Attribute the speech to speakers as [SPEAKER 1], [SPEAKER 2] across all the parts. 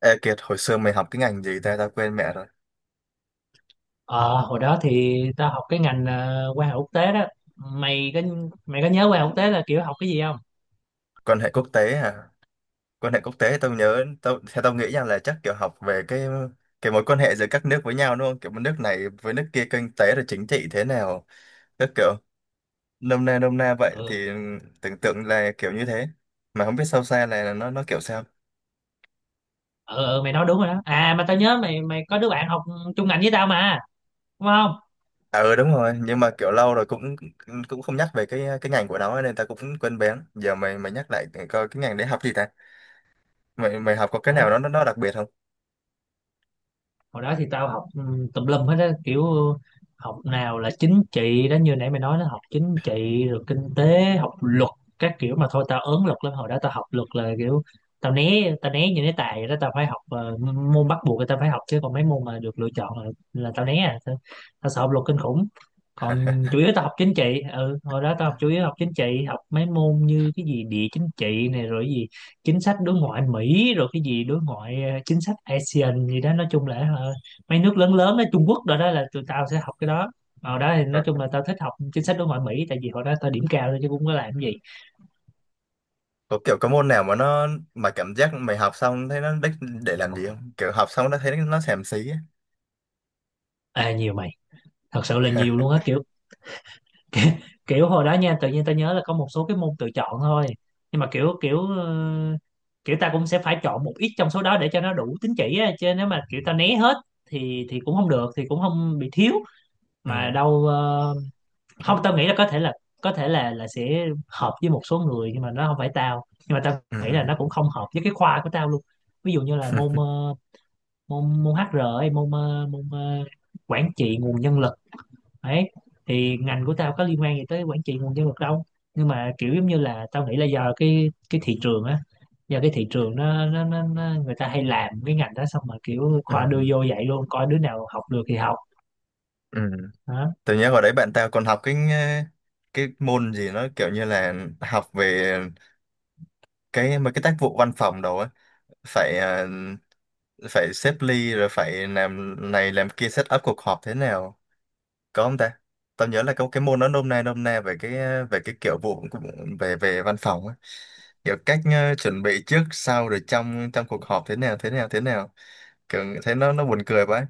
[SPEAKER 1] Ê Kiệt, hồi xưa mày học tiếng Anh gì ta, tao quên mẹ rồi.
[SPEAKER 2] Ờ, hồi đó thì tao học cái ngành quan hệ quốc tế đó. Mày có mày có nhớ quan hệ quốc tế là kiểu học cái gì không?
[SPEAKER 1] Quan hệ quốc tế à? Quan hệ quốc tế tao nhớ, theo tao nghĩ nha là chắc kiểu học về cái mối quan hệ giữa các nước với nhau, đúng không? Kiểu nước này với nước kia, kinh tế rồi chính trị thế nào. Tức kiểu nôm na vậy
[SPEAKER 2] Ừ,
[SPEAKER 1] thì tưởng tượng là kiểu như thế. Mà không biết sâu xa là nó kiểu sao.
[SPEAKER 2] ừ, ừ mày nói đúng rồi đó. À mà tao nhớ mày mày có đứa bạn học chung ngành với tao mà, đúng không?
[SPEAKER 1] À, ừ, đúng rồi, nhưng mà kiểu lâu rồi cũng cũng không nhắc về cái ngành của nó nên tao cũng quên bén. Giờ mày mày nhắc lại coi cái ngành đấy học gì ta? Mày mày học có cái nào
[SPEAKER 2] Đó,
[SPEAKER 1] nó đặc biệt không?
[SPEAKER 2] hồi đó thì tao học tùm lum hết á, kiểu học nào là chính trị đó, như nãy mày nói nó học chính trị rồi kinh tế, học luật các kiểu. Mà thôi tao ớn luật lắm, hồi đó tao học luật là kiểu tao né như né tài vậy đó. Tao phải học môn bắt buộc là tao phải học, chứ còn mấy môn mà được lựa chọn là tao né à. Tao sợ học luật kinh khủng, còn chủ yếu tao học chính trị. Ừ hồi đó tao học chủ yếu học chính trị, học mấy môn như cái gì địa chính trị này, rồi chính sách đối ngoại Mỹ, rồi cái gì đối ngoại chính sách ASEAN gì đó. Nói chung là mấy nước lớn lớn đó, Trung Quốc, rồi đó là tụi tao sẽ học cái đó. Ở đó thì nói chung là tao thích học chính sách đối ngoại Mỹ, tại vì hồi đó tao điểm cao thôi chứ cũng có làm cái gì.
[SPEAKER 1] Có kiểu có môn nào mà cảm giác mày học xong thấy nó đích để làm gì không, kiểu học xong nó thấy nó xàm xí á.
[SPEAKER 2] À, nhiều mày, thật sự là nhiều luôn á kiểu kiểu hồi đó nha, tự nhiên tao nhớ là có một số cái môn tự chọn thôi, nhưng mà kiểu kiểu ờ, kiểu ta cũng sẽ phải chọn một ít trong số đó để cho nó đủ tín chỉ á, chứ nếu mà kiểu ta né hết thì cũng không được, thì cũng không bị thiếu mà
[SPEAKER 1] Ừ,
[SPEAKER 2] đâu. Ờ, Không, tao nghĩ là có thể là sẽ hợp với một số người, nhưng mà nó không phải tao. Nhưng mà tao
[SPEAKER 1] ừ,
[SPEAKER 2] nghĩ là
[SPEAKER 1] ừ.
[SPEAKER 2] nó cũng không hợp với cái khoa của tao luôn. Ví dụ như là môn môn môn HR ấy, quản trị nguồn nhân lực ấy, thì ngành của tao có liên quan gì tới quản trị nguồn nhân lực đâu. Nhưng mà kiểu giống như là tao nghĩ là do cái thị trường á, do cái thị trường nó người ta hay làm cái ngành đó, xong mà kiểu
[SPEAKER 1] Ừ,
[SPEAKER 2] khoa đưa vô vậy luôn, coi đứa nào học được thì học.
[SPEAKER 1] ừ.
[SPEAKER 2] Đó,
[SPEAKER 1] Tự nhiên hồi đấy bạn tao còn học cái môn gì nó kiểu như là học về cái mấy cái tác vụ văn phòng đồ á, phải ờ, phải xếp ly rồi phải làm này làm kia, set up cuộc họp thế nào, có không ta? Tao nhớ là có cái môn nó nôm na về cái kiểu về về văn phòng á, kiểu cách chuẩn bị trước sau rồi trong trong cuộc họp thế nào thế nào thế nào, kiểu thấy nó buồn cười quá.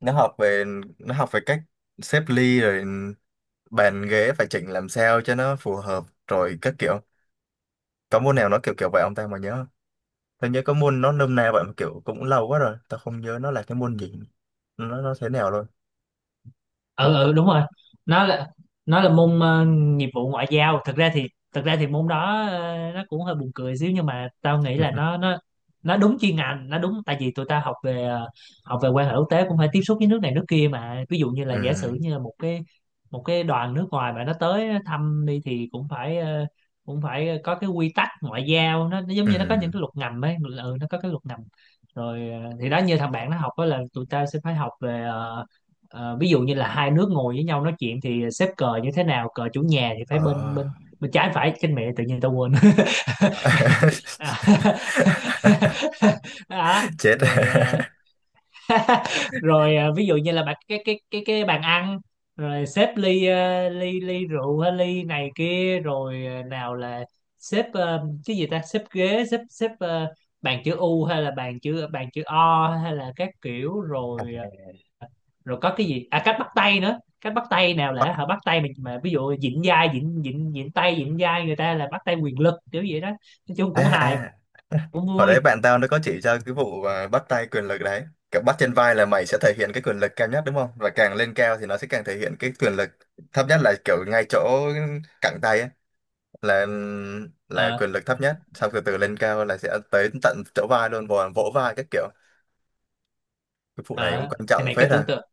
[SPEAKER 1] Nó học về nó học về cách xếp ly rồi bàn ghế phải chỉnh làm sao cho nó phù hợp rồi các kiểu. Có môn nào nó kiểu kiểu vậy ông ta mà nhớ không? Tao nhớ có môn nó nôm na vậy mà kiểu cũng lâu quá rồi tao không nhớ nó là cái môn gì, nó thế nào luôn.
[SPEAKER 2] ừ ừ đúng rồi. nó là nó là môn nghiệp vụ ngoại giao. Thực ra thì môn đó nó cũng hơi buồn cười xíu, nhưng mà tao nghĩ là nó nó nó đúng chuyên ngành, nó đúng. Tại vì tụi ta học về học về quan hệ quốc tế cũng phải tiếp xúc với nước này nước kia mà. Ví dụ như là giả sử
[SPEAKER 1] Ừ,
[SPEAKER 2] như là một cái đoàn nước ngoài mà nó tới thăm đi, thì cũng phải cũng phải có cái quy tắc ngoại giao. Nó giống
[SPEAKER 1] ừ,
[SPEAKER 2] như nó có những cái luật ngầm ấy, ừ, nó có cái luật ngầm. Rồi thì đó, như thằng bạn nó học đó, là tụi ta sẽ phải học về ví dụ như là hai nước ngồi với nhau nói chuyện thì xếp cờ như thế nào, cờ chủ nhà thì phải
[SPEAKER 1] ờ.
[SPEAKER 2] bên bên bên trái, phải trên, mẹ tự nhiên tao quên. À. Đó.
[SPEAKER 1] Chết.
[SPEAKER 2] Rồi à, rồi à, ví dụ như là bạn cái bàn ăn, rồi xếp ly à, ly ly rượu hay ly này kia, rồi à, nào là xếp cái gì ta, xếp ghế, xếp xếp ờ, bàn chữ U hay là bàn chữ O hay là các kiểu,
[SPEAKER 1] À,
[SPEAKER 2] rồi rồi có cái gì, à cách bắt tay nữa. Cách bắt tay, nào
[SPEAKER 1] bắt,
[SPEAKER 2] là họ bắt tay mà ví dụ vịn vai, vịn vịn vịn tay vịn vai người ta là bắt tay quyền lực kiểu vậy đó. Nói chung
[SPEAKER 1] à,
[SPEAKER 2] cũng hài,
[SPEAKER 1] à.
[SPEAKER 2] cũng
[SPEAKER 1] Hồi
[SPEAKER 2] vui.
[SPEAKER 1] đấy bạn tao nó có chỉ cho cái vụ bắt tay quyền lực đấy, kiểu bắt trên vai là mày sẽ thể hiện cái quyền lực cao nhất, đúng không, và càng lên cao thì nó sẽ càng thể hiện cái quyền lực thấp nhất, là kiểu ngay chỗ cẳng tay ấy, là là
[SPEAKER 2] Ờ,
[SPEAKER 1] quyền lực thấp nhất, xong từ từ lên cao là sẽ tới tận chỗ vai luôn, vỗ vai các kiểu. Cái vụ này cũng
[SPEAKER 2] ờ
[SPEAKER 1] quan
[SPEAKER 2] thì
[SPEAKER 1] trọng phết à.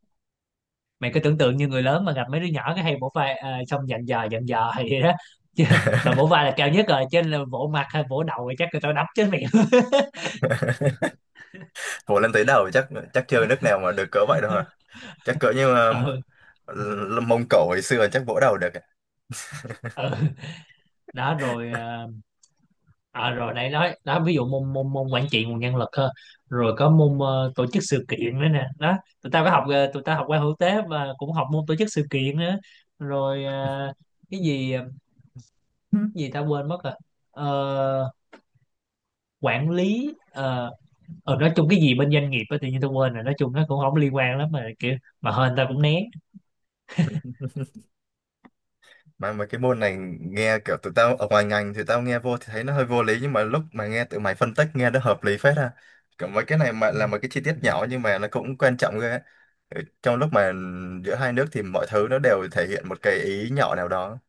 [SPEAKER 2] mày có tưởng tượng như người lớn mà gặp mấy đứa nhỏ cái hay vỗ vai à, xong dặn dò hay vậy đó chứ, mà vỗ vai là cao nhất rồi, trên là vỗ mặt hay vỗ đầu thì chắc người ta đấm chết mày.
[SPEAKER 1] Vỗ lên tới đầu chắc chắc chưa nước nào mà được cỡ vậy đâu à? Chắc cỡ như là,
[SPEAKER 2] Ừ,
[SPEAKER 1] là Mông Cổ hồi xưa chắc vỗ đầu được ạ.
[SPEAKER 2] ừ. Đó rồi à, à, rồi nãy nói đó, ví dụ môn môn môn quản trị nguồn nhân lực ha, rồi có môn tổ chức sự kiện nữa nè. Đó tụi tao có học tụi tao học qua hữu tế và cũng học môn tổ chức sự kiện nữa, rồi cái gì ờ,
[SPEAKER 1] Ừ.
[SPEAKER 2] cái gì tao quên mất rồi. Ờ, Quản lý nói chung cái gì bên doanh nghiệp á, tự nhiên tao quên rồi. Nói chung nó cũng không liên quan lắm, mà kiểu mà hên tao cũng né.
[SPEAKER 1] Mà cái môn này nghe kiểu tụi tao ở ngoài ngành thì tao nghe vô thì thấy nó hơi vô lý, nhưng mà lúc mà nghe tụi mày phân tích nghe nó hợp lý phết ha, kiểu mấy cái này mà là một cái chi tiết nhỏ nhưng mà nó cũng quan trọng ghê á. Ừ, trong lúc mà giữa hai nước thì mọi thứ nó đều thể hiện một cái ý nhỏ nào đó,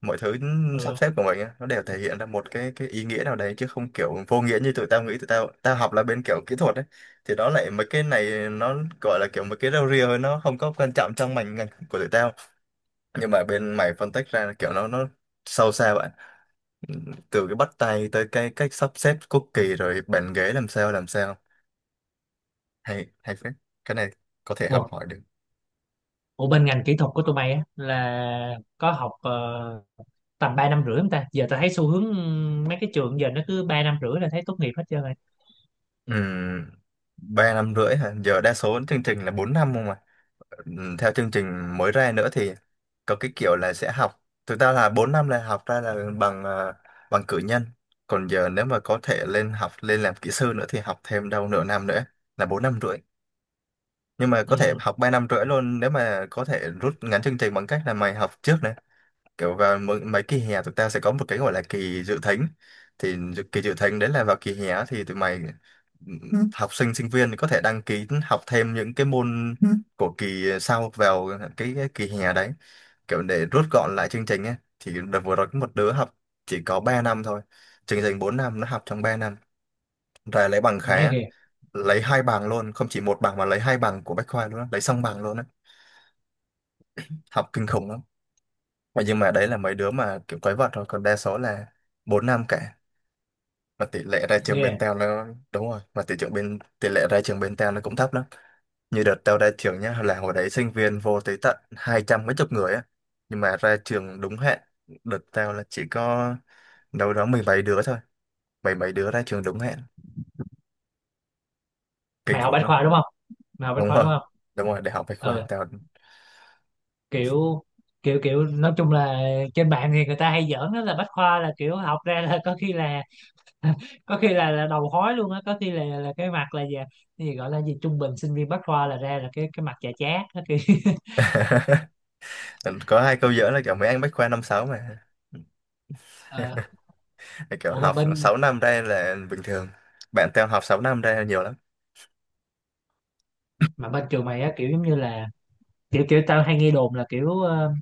[SPEAKER 1] mọi thứ sắp
[SPEAKER 2] Ừ.
[SPEAKER 1] xếp của mình á, nó đều thể hiện ra một cái ý nghĩa nào đấy, chứ không kiểu vô nghĩa như tụi tao nghĩ. Tụi tao tao học là bên kiểu kỹ thuật ấy thì đó lại mấy cái này nó gọi là kiểu mấy cái rau ria thôi, nó không có quan trọng trong ngành ngành của tụi tao, nhưng mà bên mày phân tích ra là kiểu nó sâu xa bạn, từ cái bắt tay tới cái cách sắp xếp cookie rồi bàn ghế làm sao làm sao, hay hay phết, cái này có thể học
[SPEAKER 2] Ủa,
[SPEAKER 1] hỏi được.
[SPEAKER 2] ủa bên ngành kỹ thuật của tụi mày á là có học tầm ba năm rưỡi không ta? Giờ ta thấy xu hướng mấy cái trường giờ nó cứ ba năm rưỡi là thấy tốt nghiệp hết trơn rồi.
[SPEAKER 1] Ừm, 3 năm rưỡi hả? Giờ đa số chương trình là 4 năm không mà. Theo chương trình mới ra nữa thì có cái kiểu là sẽ học, thực ra là 4 năm là học ra là bằng cử nhân, còn giờ nếu mà có thể lên học lên làm kỹ sư nữa thì học thêm đâu nửa năm nữa, là 4 năm rưỡi. Nhưng mà có thể
[SPEAKER 2] Ừ.
[SPEAKER 1] học 3 năm rưỡi luôn nếu mà có thể rút ngắn chương trình, bằng cách là mày học trước này, kiểu vào mấy kỳ hè tụi tao sẽ có một cái gọi là kỳ dự thính. Thì kỳ dự thính đấy là vào kỳ hè á thì tụi mày, ừ, học sinh sinh viên có thể đăng ký học thêm những cái môn của kỳ sau vào cái kỳ hè đấy, kiểu để rút gọn lại chương trình ấy. Thì đợt vừa rồi có một đứa học chỉ có 3 năm thôi, chương trình 4 năm nó học trong 3 năm rồi lấy bằng
[SPEAKER 2] Má
[SPEAKER 1] khá,
[SPEAKER 2] ghê.
[SPEAKER 1] lấy hai bằng luôn, không chỉ một bằng mà lấy hai bằng của Bách Khoa luôn á, lấy xong bằng luôn á. Học kinh khủng lắm. Mà nhưng mà đấy là mấy đứa mà kiểu quái vật thôi, còn đa số là 4 năm cả. Mà tỷ lệ ra trường
[SPEAKER 2] Ghê.
[SPEAKER 1] bên tao nó, đúng rồi, mà tỷ lệ ra trường bên tao nó cũng thấp lắm. Như đợt tao ra trường nhá, là hồi đấy sinh viên vô tới tận hai trăm mấy chục người á, nhưng mà ra trường đúng hẹn đợt tao là chỉ có đâu đó mười mấy đứa thôi. Mười mấy đứa ra trường đúng hẹn. Kinh
[SPEAKER 2] mày học
[SPEAKER 1] khủng
[SPEAKER 2] bách
[SPEAKER 1] lắm.
[SPEAKER 2] khoa đúng không Mày học bách
[SPEAKER 1] Đúng
[SPEAKER 2] khoa đúng
[SPEAKER 1] rồi,
[SPEAKER 2] không?
[SPEAKER 1] đúng rồi, đại học Bách Khoa
[SPEAKER 2] Ừ.
[SPEAKER 1] tao.
[SPEAKER 2] kiểu kiểu kiểu nói chung là, trên mạng thì người ta hay giỡn đó là bách khoa là kiểu học ra là có khi là có khi là đầu khói luôn á, có khi là cái mặt là gì, cái gì gọi là gì, trung bình sinh viên bách khoa là ra là cái mặt chà chát đó khi.
[SPEAKER 1] Có hai câu giữa là kiểu mấy anh Bách Khoa 5-6 mà.
[SPEAKER 2] Ờ.
[SPEAKER 1] Thì kiểu
[SPEAKER 2] ủa
[SPEAKER 1] học 6 năm đây là bình thường, bạn theo học 6 năm đây là nhiều lắm.
[SPEAKER 2] mà bên trường mày á, kiểu giống như là kiểu kiểu tao hay nghe đồn là kiểu ờ,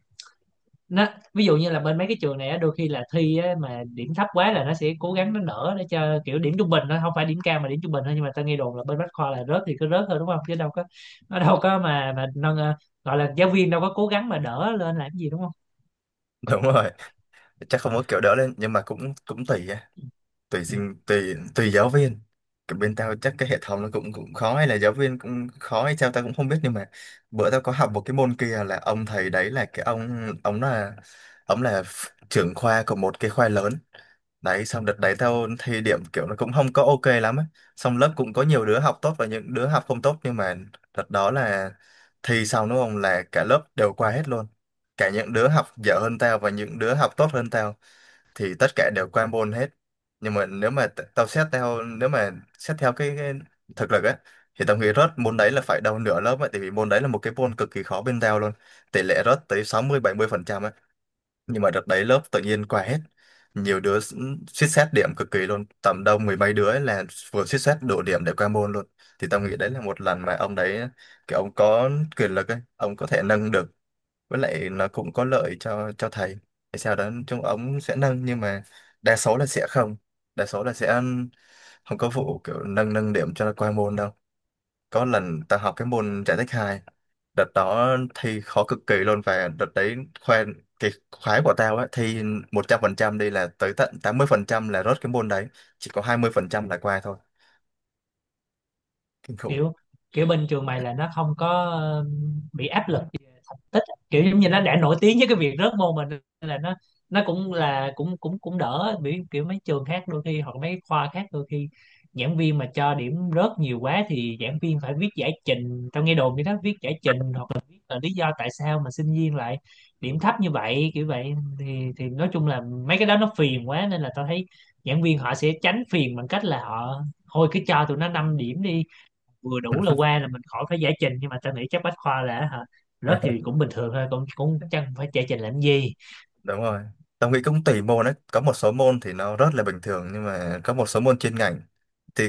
[SPEAKER 2] nó ví dụ như là bên mấy cái trường này á, đôi khi là thi á, mà điểm thấp quá là nó sẽ cố gắng nó nở để cho kiểu điểm trung bình, nó không phải điểm cao mà điểm trung bình thôi. Nhưng mà ta nghe đồn là bên Bách Khoa là rớt thì cứ rớt thôi đúng không, chứ đâu có, nó đâu có mà nâng. Ờ, Gọi là giáo viên đâu có cố gắng mà đỡ lên làm gì, đúng không?
[SPEAKER 1] Đúng rồi, chắc không có kiểu đỡ lên, nhưng mà cũng cũng tùy tùy
[SPEAKER 2] Ừ.
[SPEAKER 1] sinh tùy tùy giáo viên. Cái bên tao chắc cái hệ thống nó cũng cũng khó hay là giáo viên cũng khó hay sao tao cũng không biết, nhưng mà bữa tao có học một cái môn kia, là ông thầy đấy là cái ông là trưởng khoa của một cái khoa lớn đấy. Xong đợt đấy tao thi điểm kiểu nó cũng không có ok lắm á, xong lớp cũng có nhiều đứa học tốt và những đứa học không tốt, nhưng mà đợt đó là thi xong, đúng không, là cả lớp đều qua hết luôn. Cả những đứa học dở hơn tao và những đứa học tốt hơn tao thì tất cả đều qua môn hết. Nhưng mà nếu mà xét theo cái thực lực ấy thì tao nghĩ rớt môn đấy là phải đầu nửa lớp ấy, tại vì môn đấy là một cái môn cực kỳ khó bên tao luôn, tỷ lệ rớt tới 60-70% ấy, nhưng mà đợt đấy lớp tự nhiên qua hết. Nhiều đứa suýt xét điểm cực kỳ luôn, tầm đâu mười mấy đứa ấy là vừa suýt xét đủ điểm để qua môn luôn. Thì tao nghĩ đấy là một lần mà ông đấy kiểu ông có quyền lực ấy, ông có thể nâng được, với lại nó cũng có lợi cho thầy. Tại sao đó chúng ống sẽ nâng, nhưng mà đa số là sẽ không đa số là sẽ không có vụ kiểu nâng nâng điểm cho qua môn đâu. Có lần ta học cái môn giải tích 2, đợt đó thi khó cực kỳ luôn, và đợt đấy khoe cái khoái của tao á, thi 100% đi là tới tận 80% là rớt cái môn đấy, chỉ có 20% là qua thôi. Kinh khủng.
[SPEAKER 2] kiểu Kiểu bên trường mày là nó không có bị áp lực về thành tích, kiểu giống như nó đã nổi tiếng với cái việc rớt môn mình, nên là nó cũng là cũng cũng cũng đỡ bị, kiểu mấy trường khác đôi khi hoặc mấy khoa khác đôi khi giảng viên mà cho điểm rớt nhiều quá thì giảng viên phải viết giải trình. Tao nghe đồn như đó, viết giải trình hoặc là viết là lý do tại sao mà sinh viên lại điểm thấp như vậy, kiểu vậy. thì thì nói chung là mấy cái đó nó phiền quá, nên là tao thấy giảng viên họ sẽ tránh phiền bằng cách là họ thôi cứ cho tụi nó 5 điểm đi, vừa đủ là qua là mình khỏi phải giải trình. Nhưng mà tao nghĩ chắc bách khoa là hả, rớt thì cũng bình thường thôi, cũng cũng chẳng phải giải trình làm gì.
[SPEAKER 1] Đúng rồi, tao nghĩ cũng tùy môn đấy, có một số môn thì nó rất là bình thường, nhưng mà có một số môn chuyên ngành thì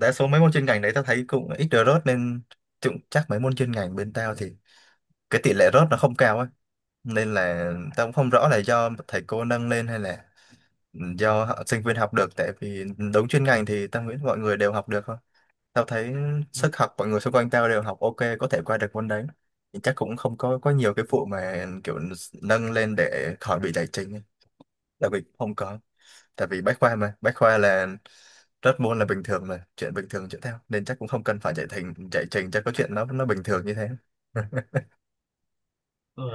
[SPEAKER 1] đa số mấy môn chuyên ngành đấy tao thấy cũng ít được rớt nên, cũng chắc mấy môn chuyên ngành bên tao thì cái tỷ lệ rớt nó không cao ấy, nên là tao cũng không rõ là do thầy cô nâng lên hay là do sinh viên học được, tại vì đúng chuyên ngành thì tao nghĩ mọi người đều học được thôi. Tao thấy sức học mọi người xung quanh tao đều học ok, có thể qua được môn đấy thì chắc cũng không có nhiều cái vụ mà kiểu nâng lên để khỏi bị giải trình ấy. Là Bình không có. Tại vì Bách Khoa mà, Bách Khoa là rớt môn là bình thường mà, chuyện bình thường chuyện theo, nên chắc cũng không cần phải chạy thành chạy trình cho có chuyện, nó bình thường như thế.
[SPEAKER 2] Ừ.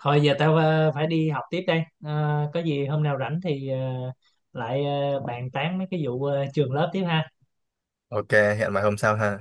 [SPEAKER 2] Thôi giờ tao phải đi học tiếp đây. Ờ, có gì hôm nào rảnh thì bàn tán mấy cái vụ trường lớp tiếp ha.
[SPEAKER 1] Ok, hẹn mai hôm sau ha.